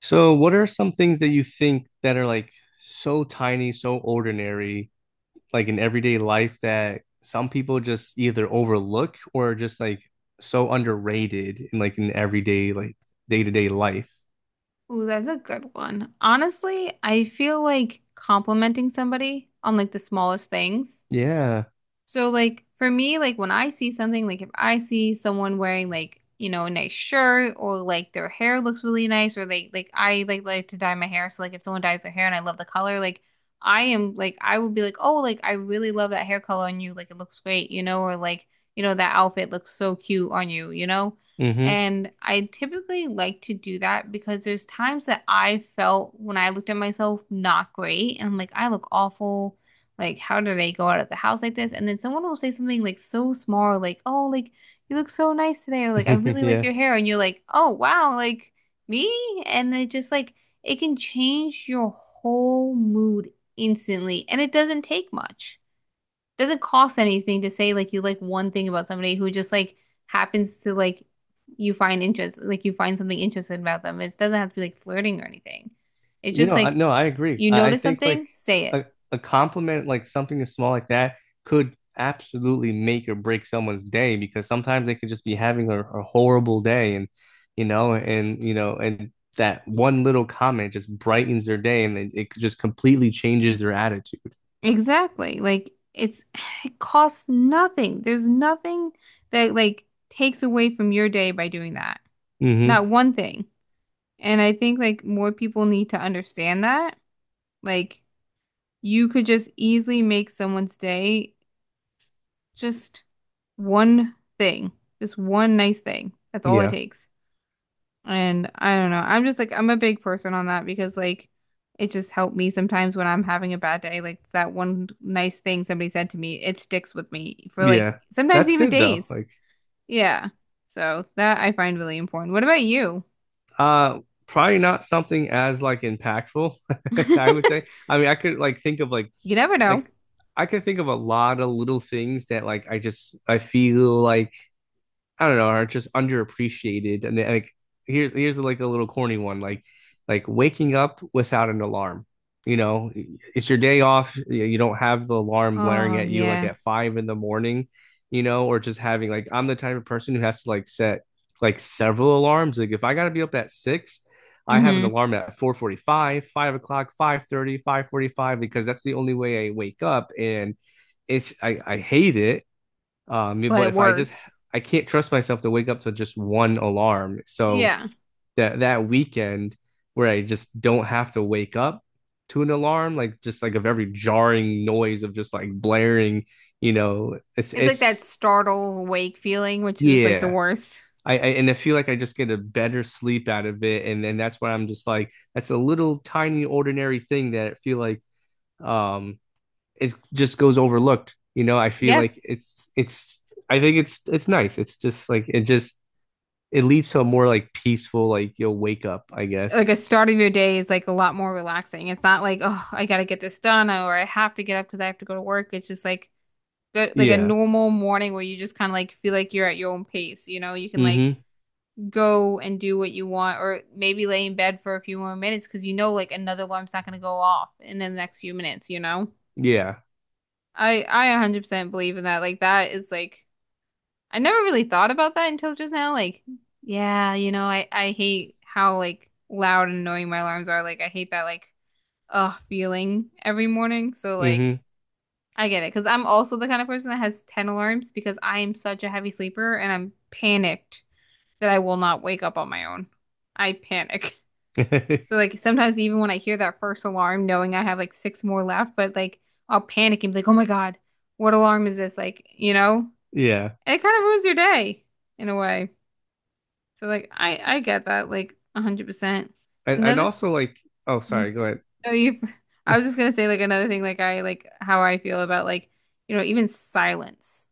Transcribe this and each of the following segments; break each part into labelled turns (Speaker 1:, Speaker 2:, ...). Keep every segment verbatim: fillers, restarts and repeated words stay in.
Speaker 1: So, what are some things that you think that are like so tiny, so ordinary, like in everyday life that some people just either overlook or just like so underrated in like in everyday, like day-to-day life?
Speaker 2: Ooh, that's a good one. Honestly, I feel like complimenting somebody on like the smallest things.
Speaker 1: Yeah.
Speaker 2: So like for me, like when I see something, like if I see someone wearing like, you know, a nice shirt or like their hair looks really nice or they like I like like to dye my hair. So like if someone dyes their hair and I love the color, like I am like I would be like, "Oh, like I really love that hair color on you. Like it looks great, you know, or like, you know, that outfit looks so cute on you, you know?"
Speaker 1: Mm-hmm.
Speaker 2: And I typically like to do that because there's times that I felt when I looked at myself not great and I'm like, "I look awful." Like, how did I go out of the house like this? And then someone will say something like so small, like, oh, like, you look so nice today, or like, I really like your
Speaker 1: Yeah.
Speaker 2: hair. And you're like, oh, wow, like, me? And it just like, it can change your whole mood instantly. And it doesn't take much. Doesn't cost anything to say like you like one thing about somebody who just like happens to like, you find interest, like, you find something interesting about them. It doesn't have to be like flirting or anything. It's
Speaker 1: You
Speaker 2: just
Speaker 1: know, I,
Speaker 2: like,
Speaker 1: no, I agree.
Speaker 2: you
Speaker 1: I, I
Speaker 2: notice
Speaker 1: think like
Speaker 2: something, say it.
Speaker 1: a, a compliment, like something as small like that, could absolutely make or break someone's day because sometimes they could just be having a, a horrible day, and you know, and you know, and that one little comment just brightens their day, and it, it just completely changes their attitude.
Speaker 2: Exactly. Like it's it costs nothing. There's nothing that like takes away from your day by doing that.
Speaker 1: Hmm
Speaker 2: Not one thing. And I think like more people need to understand that. Like you could just easily make someone's day just one thing. Just one nice thing. That's all it
Speaker 1: Yeah,
Speaker 2: takes. And I don't know. I'm just like I'm a big person on that because like it just helped me sometimes when I'm having a bad day. Like that one nice thing somebody said to me, it sticks with me for like
Speaker 1: yeah,
Speaker 2: sometimes
Speaker 1: that's
Speaker 2: even
Speaker 1: good though.
Speaker 2: days.
Speaker 1: Like,
Speaker 2: Yeah. So that I find really important. What about you?
Speaker 1: uh, probably not something as like impactful. I would say. I mean, I could like think of like
Speaker 2: You never know.
Speaker 1: like I can think of a lot of little things that like I just I feel like I don't know, are just underappreciated. And like here's here's like a little corny one, like like waking up without an alarm. You know, it's your day off. You don't have the alarm blaring
Speaker 2: Oh
Speaker 1: at you like
Speaker 2: yeah.
Speaker 1: at five in the morning, you know, or just having like I'm the type of person who has to like set like several alarms. Like if I gotta be up at six, I have an
Speaker 2: Hmm.
Speaker 1: alarm at four forty-five, five o'clock, five thirty, five forty five, because that's the only way I wake up and it's I, I hate it um,
Speaker 2: But
Speaker 1: but
Speaker 2: it
Speaker 1: if I just
Speaker 2: works.
Speaker 1: I can't trust myself to wake up to just one alarm. So
Speaker 2: Yeah.
Speaker 1: that that weekend where I just don't have to wake up to an alarm, like just like a very jarring noise of just like blaring, you know, it's
Speaker 2: It's like that
Speaker 1: it's
Speaker 2: startle awake feeling, which is like the
Speaker 1: yeah.
Speaker 2: worst.
Speaker 1: I, I and I feel like I just get a better sleep out of it, and then that's why I'm just like that's a little tiny ordinary thing that I feel like um it just goes overlooked. You know, I feel
Speaker 2: Yeah.
Speaker 1: like it's it's I think it's it's nice. It's just like it just it leads to a more like peaceful, like you'll wake up, I
Speaker 2: Like a
Speaker 1: guess.
Speaker 2: start of your day is like a lot more relaxing. It's not like, oh, I gotta get this done or I have to get up because I have to go to work. It's just like go, like a
Speaker 1: Yeah.
Speaker 2: normal morning where you just kind of like feel like you're at your own pace. You know, you can like
Speaker 1: Mm-hmm.
Speaker 2: go and do what you want or maybe lay in bed for a few more minutes because you know like another alarm's not gonna go off in the next few minutes, you know?
Speaker 1: Yeah.
Speaker 2: I I one hundred percent believe in that. Like that is like I never really thought about that until just now. Like, yeah, you know, I I hate how like loud and annoying my alarms are. Like I hate that like uh feeling every morning. So
Speaker 1: Mm-hmm.
Speaker 2: like I get it because I'm also the kind of person that has ten alarms because I am such a heavy sleeper and I'm panicked that I will not wake up on my own. I panic. So like sometimes even when I hear that first alarm, knowing I have like six more left, but like I'll panic and be like, oh my God, what alarm is this? Like, you know?
Speaker 1: Yeah.
Speaker 2: And it kind of ruins your day in a way. So like I I get that like one hundred percent.
Speaker 1: And and
Speaker 2: Another.
Speaker 1: also like oh sorry, go ahead.
Speaker 2: No, you. I was just gonna say like another thing, like I like how I feel about like you know even silence,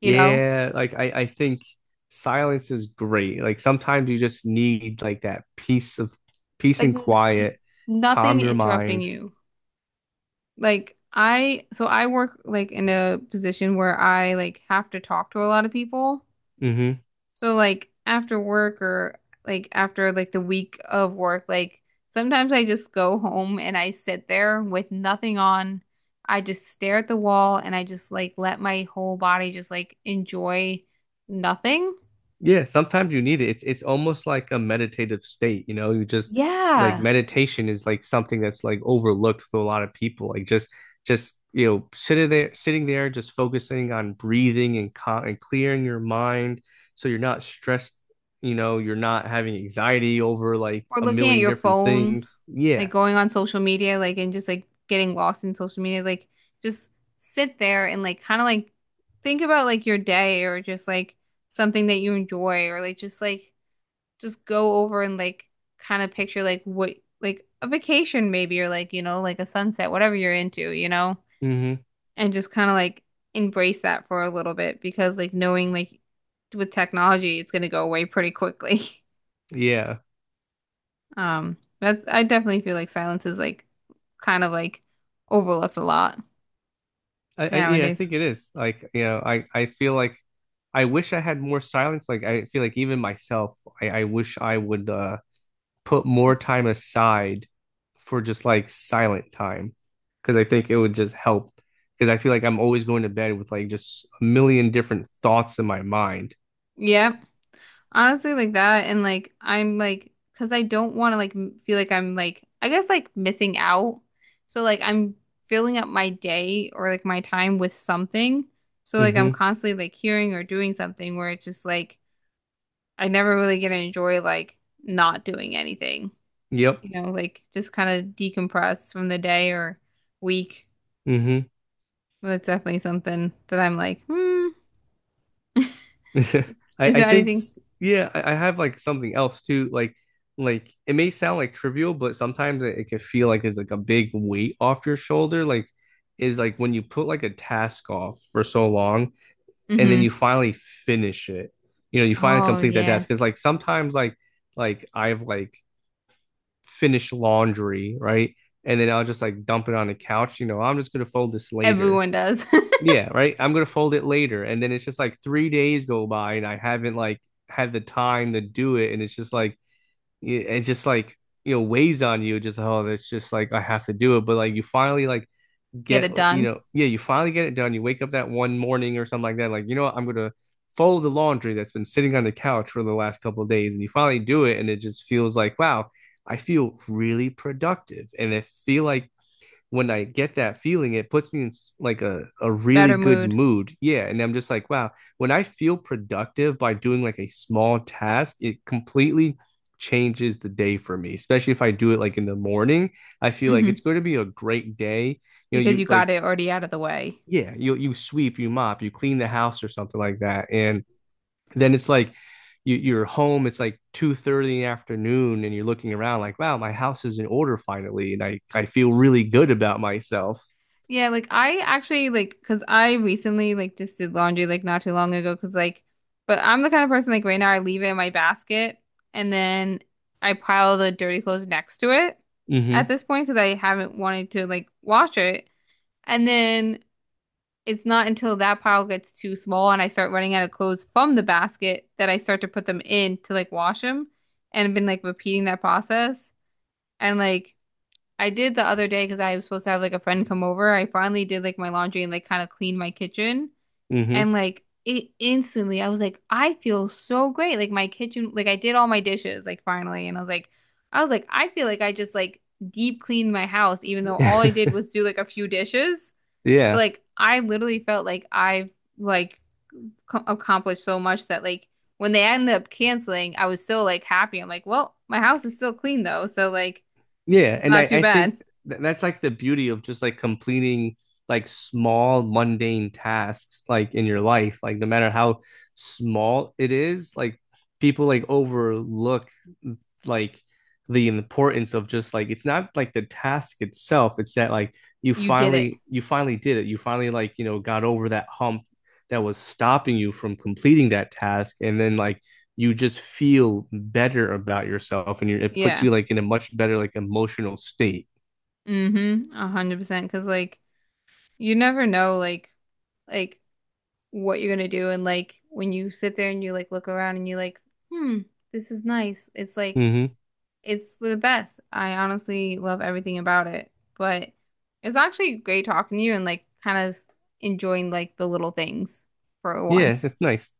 Speaker 2: you know,
Speaker 1: Yeah, like I I think silence is great. Like sometimes you just need like that peace of peace
Speaker 2: like
Speaker 1: and
Speaker 2: n-
Speaker 1: quiet,
Speaker 2: nothing
Speaker 1: calm your
Speaker 2: interrupting
Speaker 1: mind.
Speaker 2: you. Like I, so I work like in a position where I like have to talk to a lot of people.
Speaker 1: Mm-hmm.
Speaker 2: So like after work or like after like the week of work, like sometimes I just go home and I sit there with nothing on. I just stare at the wall and I just like let my whole body just like enjoy nothing.
Speaker 1: Yeah, sometimes you need it. It's it's almost like a meditative state, you know. You just like
Speaker 2: Yeah.
Speaker 1: meditation is like something that's like overlooked for a lot of people. Like just just you know sitting there sitting there just focusing on breathing and co and clearing your mind so you're not stressed, you know, you're not having anxiety over like
Speaker 2: Or
Speaker 1: a
Speaker 2: looking at
Speaker 1: million
Speaker 2: your
Speaker 1: different
Speaker 2: phone,
Speaker 1: things.
Speaker 2: like
Speaker 1: Yeah.
Speaker 2: going on social media, like and just like getting lost in social media, like just sit there and like kind of like think about like your day or just like something that you enjoy or like just like just go over and like kind of picture like what like a vacation maybe or like you know like a sunset, whatever you're into, you know,
Speaker 1: hmm
Speaker 2: and just kind of like embrace that for a little bit because like knowing like with technology it's going to go away pretty quickly.
Speaker 1: Yeah.
Speaker 2: um that's I definitely feel like silence is like kind of like overlooked a lot
Speaker 1: I, I yeah, I
Speaker 2: nowadays.
Speaker 1: think it is. Like, you know, I I feel like I wish I had more silence. Like I feel like even myself, I, I wish I would uh put more time aside for just like silent time because I think it would just help. Because I feel like I'm always going to bed with like just a million different thoughts in my mind.
Speaker 2: Yeah. Honestly, like that, and like I'm like, because I don't want to like m- feel like I'm like, I guess like missing out. So like I'm filling up my day or like my time with something. So like I'm
Speaker 1: Mm-hmm.
Speaker 2: constantly like hearing or doing something where it's just like I never really get to enjoy like not doing anything,
Speaker 1: Yep.
Speaker 2: you know, like just kind of decompress from the day or week.
Speaker 1: Mm-hmm.
Speaker 2: But that's definitely something that I'm like, hmm,
Speaker 1: I,
Speaker 2: is
Speaker 1: I
Speaker 2: there
Speaker 1: think
Speaker 2: anything?
Speaker 1: yeah, I, I have like something else too. Like like it may sound like trivial, but sometimes it, it could feel like it's like a big weight off your shoulder. Like is like when you put like a task off for so long, and then you
Speaker 2: Mm-hmm.
Speaker 1: finally finish it. You know, you finally
Speaker 2: Oh,
Speaker 1: complete that
Speaker 2: yeah.
Speaker 1: task. Cause like sometimes like like I've like finished laundry, right? And then I'll just like dump it on the couch. You know, I'm just gonna fold this later.
Speaker 2: Everyone does.
Speaker 1: Yeah, right. I'm gonna fold it later. And then it's just like three days go by and I haven't like had the time to do it. And it's just like it it just like you know weighs on you. Just oh, it's just like I have to do it. But like you finally like
Speaker 2: Get
Speaker 1: get
Speaker 2: it
Speaker 1: you
Speaker 2: done.
Speaker 1: know yeah you finally get it done. You wake up that one morning or something like that like you know what I'm gonna fold the laundry that's been sitting on the couch for the last couple of days and you finally do it and it just feels like wow I feel really productive and I feel like when I get that feeling, it puts me in like a, a really
Speaker 2: Better
Speaker 1: good
Speaker 2: mood.
Speaker 1: mood. Yeah. And I'm just like, wow, when I feel productive by doing like a small task, it completely changes the day for me, especially if I do it like in the morning. I feel like
Speaker 2: Hmm.
Speaker 1: it's going to be a great day. You know,
Speaker 2: Because
Speaker 1: you
Speaker 2: you got
Speaker 1: like,
Speaker 2: it already out of the way.
Speaker 1: yeah, you you sweep, you mop, you clean the house or something like that. And then it's like you, you're home, it's like two thirty in the afternoon, and you're looking around like, wow, my house is in order finally. And I, I feel really good about myself.
Speaker 2: Yeah, like I actually like because I recently like just did laundry like not too long ago because like but I'm the kind of person like right now I leave it in my basket and then I pile the dirty clothes next to it at
Speaker 1: Mm-hmm.
Speaker 2: this point because I haven't wanted to like wash it, and then it's not until that pile gets too small and I start running out of clothes from the basket that I start to put them in to like wash them, and I've been like repeating that process. And like I did the other day because I was supposed to have like a friend come over. I finally did like my laundry and like kind of cleaned my kitchen.
Speaker 1: Mm-hmm.
Speaker 2: And like it instantly, I was like, I feel so great. Like my kitchen, like I did all my dishes like finally. And I was like, I was like, I feel like I just like deep cleaned my house, even though all I did was do like a few dishes. But
Speaker 1: Yeah.
Speaker 2: like I literally felt like I've like co- accomplished so much that like when they ended up canceling, I was still like happy. I'm like, well, my house is still clean though. So like
Speaker 1: Yeah.
Speaker 2: it's
Speaker 1: And I,
Speaker 2: not too
Speaker 1: I think
Speaker 2: bad.
Speaker 1: th- that's like the beauty of just like completing like small mundane tasks like in your life. Like no matter how small it is, like people like overlook like the importance of just like it's not like the task itself. It's that like you
Speaker 2: You did it.
Speaker 1: finally you finally did it. You finally like, you know, got over that hump that was stopping you from completing that task. And then like you just feel better about yourself and you're, it puts
Speaker 2: Yeah.
Speaker 1: you like in a much better like emotional state.
Speaker 2: Mm-hmm. A hundred percent. Cause like you never know like like what you're gonna do. And like when you sit there and you like look around and you like, hmm, this is nice. It's like
Speaker 1: Hmm
Speaker 2: it's the best. I honestly love everything about it. But it's actually great talking to you and like kind of enjoying like the little things for
Speaker 1: Yeah,
Speaker 2: once.
Speaker 1: that's nice.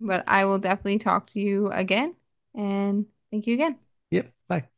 Speaker 2: But I will definitely talk to you again and thank you again.
Speaker 1: Yep. Bye.